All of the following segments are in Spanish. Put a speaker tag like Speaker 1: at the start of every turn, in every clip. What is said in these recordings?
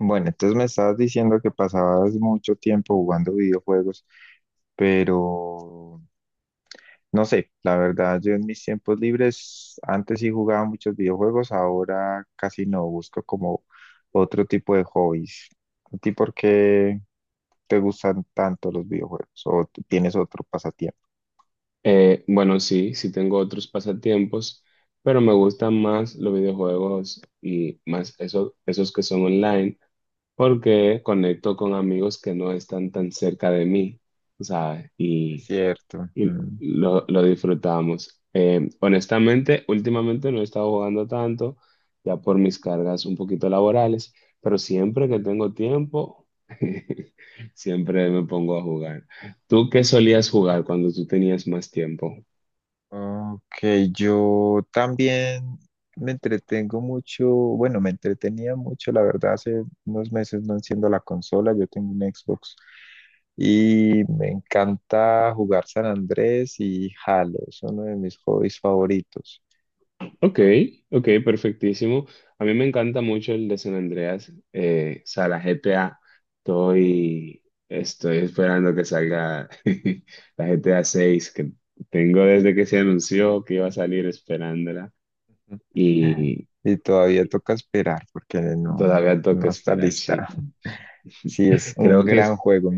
Speaker 1: Bueno, entonces me estabas diciendo que pasabas mucho tiempo jugando videojuegos, pero no sé, la verdad, yo en mis tiempos libres antes sí jugaba muchos videojuegos, ahora casi no, busco como otro tipo de hobbies. ¿A ti por qué te gustan tanto los videojuegos o tienes otro pasatiempo?
Speaker 2: Bueno, sí tengo otros pasatiempos, pero me gustan más los videojuegos y más esos que son online, porque conecto con amigos que no están tan cerca de mí, o sea
Speaker 1: Es cierto.
Speaker 2: Y lo disfrutamos. Honestamente, últimamente no he estado jugando tanto, ya por mis cargas un poquito laborales, pero siempre que tengo tiempo, siempre me pongo a jugar. ¿Tú qué solías jugar cuando tú tenías más tiempo?
Speaker 1: Ok, yo también me entretengo mucho, bueno, me entretenía mucho, la verdad, hace unos meses no enciendo la consola, yo tengo un Xbox y me encanta jugar San Andrés y Halo, es uno de mis hobbies favoritos.
Speaker 2: Ok, ok, perfectísimo. A mí me encanta mucho el de San Andreas. O sea, la GTA, estoy, estoy esperando que salga la GTA 6, que tengo desde que se anunció que iba a salir esperándola y
Speaker 1: Y todavía toca esperar porque no,
Speaker 2: todavía toca
Speaker 1: no está
Speaker 2: esperar,
Speaker 1: lista.
Speaker 2: sí.
Speaker 1: Sí, es un
Speaker 2: Creo que,
Speaker 1: gran
Speaker 2: es-
Speaker 1: juego.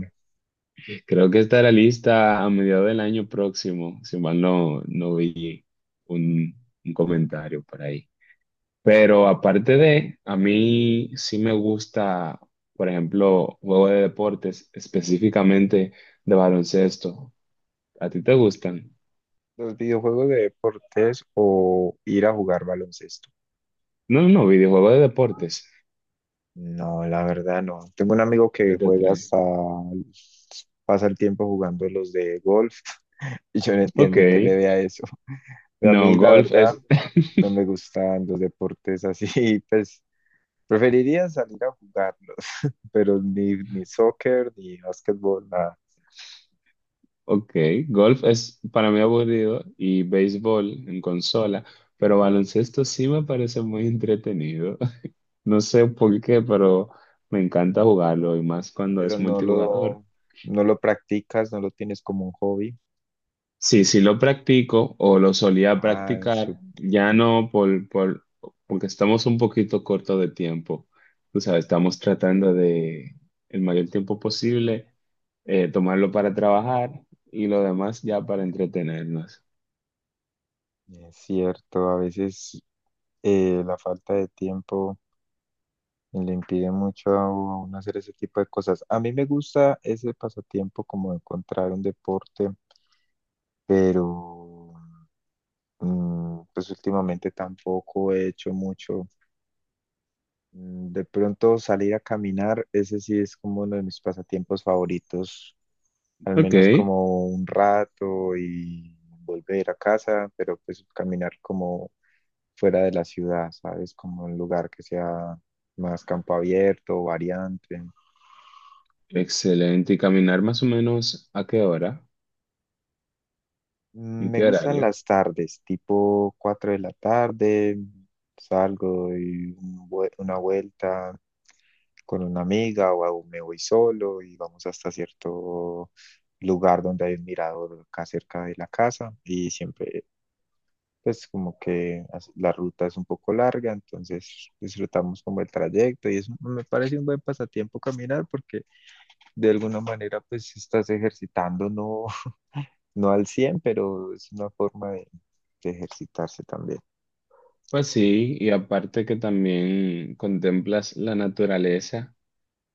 Speaker 2: Creo que estará lista a mediados del año próximo, si mal no, no vi un, un comentario por ahí. Pero aparte de, a mí sí me gusta, por ejemplo, juego de deportes, específicamente de baloncesto. ¿A ti te gustan?
Speaker 1: Los videojuegos de deportes o ir a jugar baloncesto.
Speaker 2: No, no, videojuego de deportes.
Speaker 1: No, la verdad no. Tengo un amigo
Speaker 2: De
Speaker 1: que juega
Speaker 2: T3.
Speaker 1: hasta, pasa el tiempo jugando los de golf y yo no
Speaker 2: Ok.
Speaker 1: entiendo que le vea eso. Pero a mí
Speaker 2: No,
Speaker 1: la
Speaker 2: golf
Speaker 1: verdad
Speaker 2: es.
Speaker 1: no me gustan los deportes así, pues preferiría salir a jugarlos, pero ni soccer, ni básquetbol, nada.
Speaker 2: Ok, golf es para mí aburrido y béisbol en consola, pero baloncesto sí me parece muy entretenido. No sé por qué, pero me encanta jugarlo y más cuando es
Speaker 1: Pero no
Speaker 2: multijugador.
Speaker 1: lo, no lo practicas, no lo tienes como un hobby.
Speaker 2: Sí, sí lo practico o lo solía
Speaker 1: Ah, eso
Speaker 2: practicar, ya no porque estamos un poquito cortos de tiempo. O sea, estamos tratando de el mayor tiempo posible tomarlo para trabajar y lo demás ya para entretenernos.
Speaker 1: es cierto. A veces la falta de tiempo le impide mucho a uno hacer ese tipo de cosas. A mí me gusta ese pasatiempo como de encontrar un deporte, pero pues últimamente tampoco he hecho mucho. De pronto salir a caminar, ese sí es como uno de mis pasatiempos favoritos, al
Speaker 2: Ok,
Speaker 1: menos como un rato y volver a casa, pero pues caminar como fuera de la ciudad, ¿sabes? Como un lugar que sea más campo abierto, variante.
Speaker 2: excelente. ¿Y caminar más o menos a qué hora? ¿En
Speaker 1: Me
Speaker 2: qué
Speaker 1: gustan
Speaker 2: horario?
Speaker 1: las tardes, tipo 4 de la tarde, salgo y una vuelta con una amiga o aún me voy solo y vamos hasta cierto lugar donde hay un mirador acá cerca de la casa y siempre pues como que la ruta es un poco larga, entonces disfrutamos como el trayecto y es, me parece un buen pasatiempo caminar porque de alguna manera pues estás ejercitando, ¿no? No al cien, pero es una forma de ejercitarse también.
Speaker 2: Pues sí, y aparte que también contemplas la naturaleza.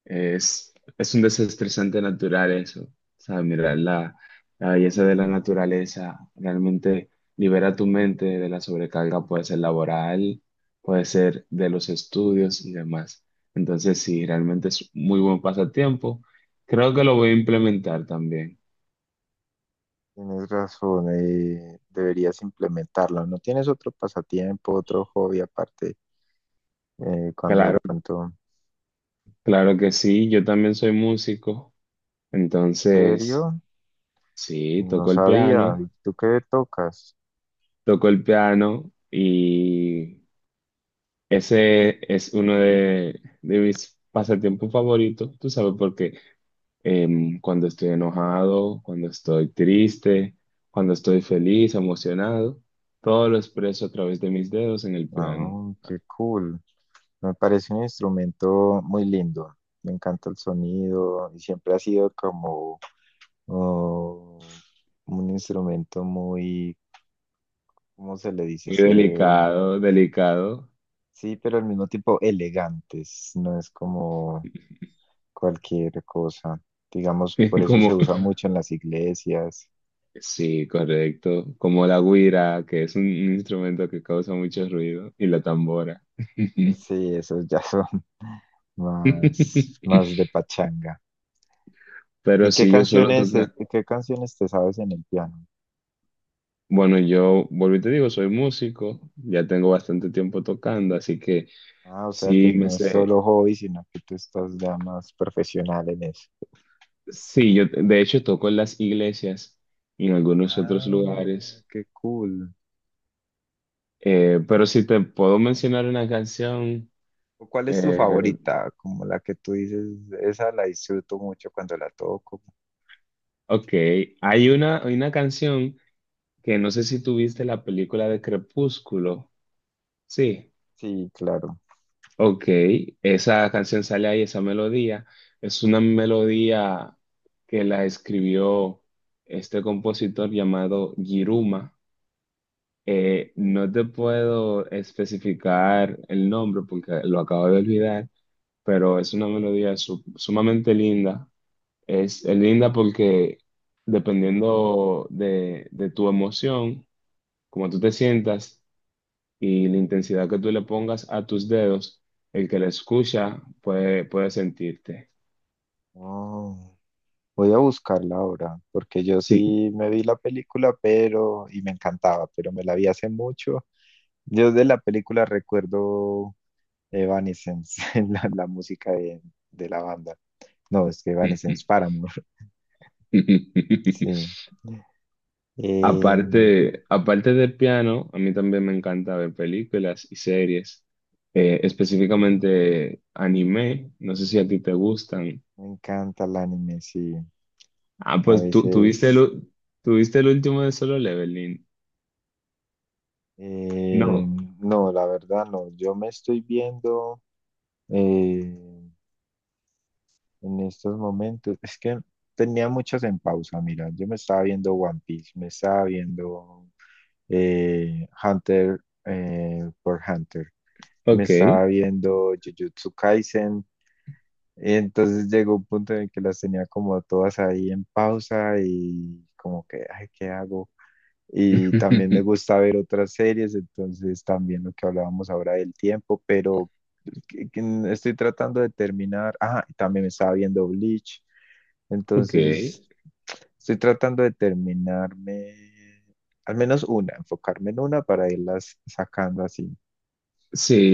Speaker 2: Es un desestresante natural eso. O sea, mirar la belleza de la naturaleza realmente libera tu mente de la sobrecarga, puede ser laboral, puede ser de los estudios y demás. Entonces, sí, realmente es muy buen pasatiempo. Creo que lo voy a implementar también.
Speaker 1: Tienes razón, deberías implementarlo. ¿No tienes otro pasatiempo, otro hobby aparte? ¿Cuando de
Speaker 2: Claro,
Speaker 1: pronto,
Speaker 2: claro que sí. Yo también soy músico.
Speaker 1: en
Speaker 2: Entonces,
Speaker 1: serio?
Speaker 2: sí,
Speaker 1: No
Speaker 2: toco el
Speaker 1: sabía.
Speaker 2: piano,
Speaker 1: ¿Y tú qué tocas?
Speaker 2: toco el piano y Ese es uno de mis pasatiempos favoritos, tú sabes, porque cuando estoy enojado, cuando estoy triste, cuando estoy feliz, emocionado, todo lo expreso a través de mis dedos en el piano.
Speaker 1: Ah, qué cool. Me parece un instrumento muy lindo. Me encanta el sonido y siempre ha sido como oh, un instrumento muy, ¿cómo se le dice?
Speaker 2: Muy
Speaker 1: Se,
Speaker 2: delicado, delicado,
Speaker 1: sí, pero al mismo tiempo elegantes, no es como cualquier cosa. Digamos, por eso se
Speaker 2: como,
Speaker 1: usa mucho en las iglesias.
Speaker 2: sí, correcto, como la güira, que es un instrumento que causa mucho ruido, y la tambora.
Speaker 1: Sí, esos ya son más de pachanga. ¿Y
Speaker 2: Pero
Speaker 1: qué
Speaker 2: sí, yo suelo
Speaker 1: canciones, es-
Speaker 2: tocar.
Speaker 1: qué canciones te sabes en el piano?
Speaker 2: Bueno, yo vuelvo y te digo, soy músico, ya tengo bastante tiempo tocando, así que
Speaker 1: Ah, o sea que
Speaker 2: sí me
Speaker 1: no es
Speaker 2: sé.
Speaker 1: solo hobby, sino que tú estás ya más profesional en eso.
Speaker 2: Sí, yo de hecho toco en las iglesias y en algunos otros
Speaker 1: Ah,
Speaker 2: lugares.
Speaker 1: qué cool.
Speaker 2: Pero si te puedo mencionar una canción,
Speaker 1: ¿O ¿Cuál es tu
Speaker 2: eh,
Speaker 1: favorita? Como la que tú dices, esa la disfruto mucho cuando la toco.
Speaker 2: ok, hay una canción que no sé si tuviste la película de Crepúsculo, sí.
Speaker 1: Sí, claro.
Speaker 2: Ok, esa canción sale ahí, esa melodía. Es una melodía que la escribió este compositor llamado Giruma. No te puedo especificar el nombre porque lo acabo de olvidar, pero es una melodía sumamente linda. Es linda porque dependiendo de tu emoción, como tú te sientas, y la intensidad que tú le pongas a tus dedos, el que la escucha puede sentirte.
Speaker 1: Oh. Voy a buscarla ahora, porque yo
Speaker 2: Sí.
Speaker 1: sí me vi la película, y me encantaba, pero me la vi hace mucho. Yo de la película recuerdo Evanescence, la música de la banda. No, es que Evanescence Paramore, sí. Eh,
Speaker 2: Aparte de piano, a mí también me encanta ver películas y series, específicamente anime. No sé si a ti te gustan.
Speaker 1: me encanta el anime, sí.
Speaker 2: Ah,
Speaker 1: A
Speaker 2: pues tú tuviste el,
Speaker 1: veces,
Speaker 2: u- tú viste el último de Solo Leveling.
Speaker 1: eh,
Speaker 2: No.
Speaker 1: no, la verdad no. Yo me estoy viendo eh, en estos momentos. Es que tenía muchas en pausa, mira, yo me estaba viendo One Piece, me estaba viendo Hunter por Hunter, me
Speaker 2: Ok.
Speaker 1: estaba viendo Jujutsu Kaisen, y entonces llegó un punto en el que las tenía como todas ahí en pausa y como que, ay, ¿qué hago? Y también me gusta ver otras series, entonces también lo que hablábamos ahora del tiempo, pero que estoy tratando de terminar. Ah, y también me estaba viendo Bleach,
Speaker 2: Ok.
Speaker 1: entonces estoy tratando de terminarme al menos una, enfocarme en una para irlas sacando así.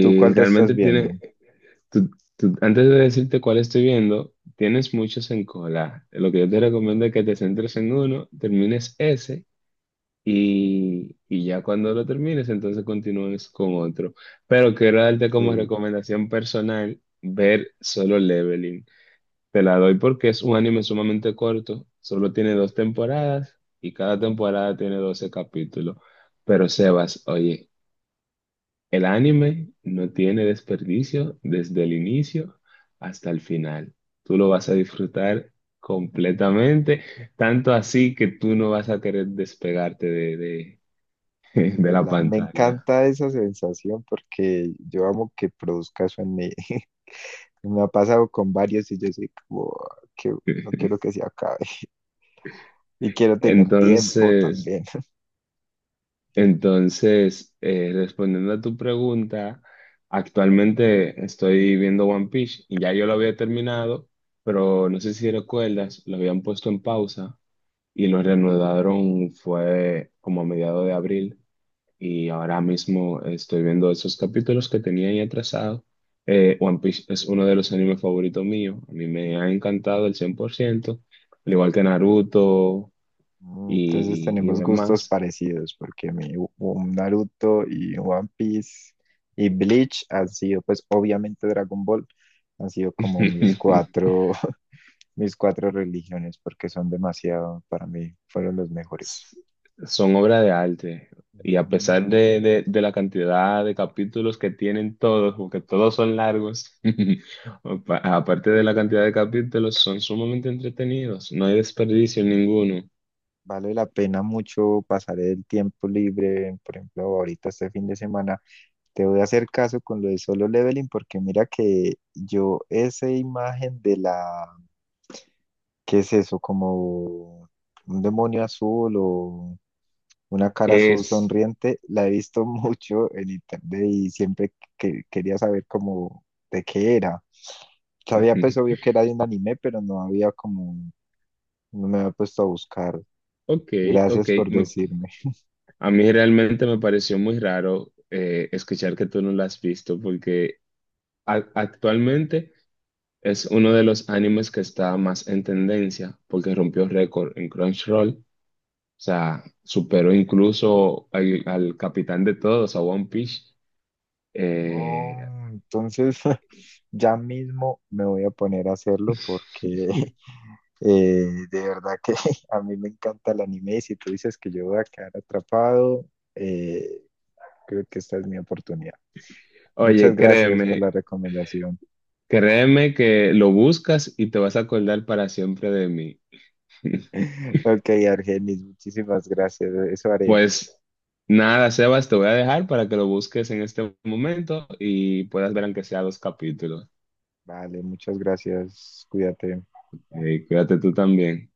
Speaker 1: ¿Tú cuál te estás
Speaker 2: realmente
Speaker 1: viendo?
Speaker 2: tiene. Tú- Antes de decirte cuál estoy viendo, tienes muchos en cola. Lo que yo te recomiendo es que te centres en uno, termines ese y ya cuando lo termines, entonces continúes con otro. Pero quiero darte como
Speaker 1: Sí,
Speaker 2: recomendación personal ver Solo Leveling. Te la doy porque es un anime sumamente corto, solo tiene dos temporadas y cada temporada tiene 12 capítulos. Pero Sebas, oye, el anime no tiene desperdicio desde el inicio hasta el final. Tú lo vas a disfrutar completamente, tanto así que tú no vas a querer despegarte de
Speaker 1: de
Speaker 2: la
Speaker 1: la, me
Speaker 2: pantalla.
Speaker 1: encanta esa sensación porque yo amo que produzca eso en mí. Me ha pasado con varios y yo soy como, que no quiero que se acabe, y quiero tener tiempo
Speaker 2: Entonces,
Speaker 1: también.
Speaker 2: entonces, respondiendo a tu pregunta, actualmente estoy viendo One Piece y ya yo lo había terminado, pero no sé si recuerdas, lo habían puesto en pausa y lo reanudaron fue como a mediados de abril, y ahora mismo estoy viendo esos capítulos que tenía ahí atrasados. One Piece es uno de los animes favoritos míos, a mí me ha encantado el 100% al igual que Naruto
Speaker 1: Entonces
Speaker 2: y
Speaker 1: tenemos gustos
Speaker 2: demás.
Speaker 1: parecidos porque mi un Naruto y One Piece y Bleach han sido, pues obviamente Dragon Ball, han sido como mis cuatro, mis cuatro religiones porque son demasiado, para mí fueron los mejores.
Speaker 2: Son obras de arte y a
Speaker 1: Ujú.
Speaker 2: pesar de la cantidad de capítulos que tienen todos, porque todos son largos, aparte de la cantidad de capítulos, son sumamente entretenidos, no hay desperdicio en ninguno.
Speaker 1: Vale la pena mucho pasar el tiempo libre, por ejemplo, ahorita este fin de semana. Te voy a hacer caso con lo de Solo Leveling porque mira que yo esa imagen de la, ¿qué es eso? ¿Como un demonio azul o una cara azul
Speaker 2: Es...
Speaker 1: sonriente? La he visto mucho en internet y siempre que quería saber cómo, de qué era. Sabía pues obvio que era de un anime, pero no había como, no me había puesto a buscar.
Speaker 2: Ok, ok.
Speaker 1: Gracias por decirme.
Speaker 2: A mí realmente me pareció muy raro escuchar que tú no la has visto porque actualmente es uno de los animes que está más en tendencia porque rompió récord en Crunchyroll. O sea, superó incluso al capitán de todos, a One Piece.
Speaker 1: Oh,
Speaker 2: Eh,
Speaker 1: entonces ya mismo me voy a poner a hacerlo porque de verdad que a mí me encanta el anime y si tú dices que yo voy a quedar atrapado, eh, creo que esta es mi oportunidad. Muchas
Speaker 2: Oye,
Speaker 1: gracias por la
Speaker 2: créeme,
Speaker 1: recomendación.
Speaker 2: créeme que lo buscas y te vas a acordar para siempre de mí.
Speaker 1: Ok, Argenis, muchísimas gracias. Eso haré.
Speaker 2: Pues nada, Sebas, te voy a dejar para que lo busques en este momento y puedas ver aunque sea dos capítulos.
Speaker 1: Vale, muchas gracias. Cuídate.
Speaker 2: Cuídate tú también.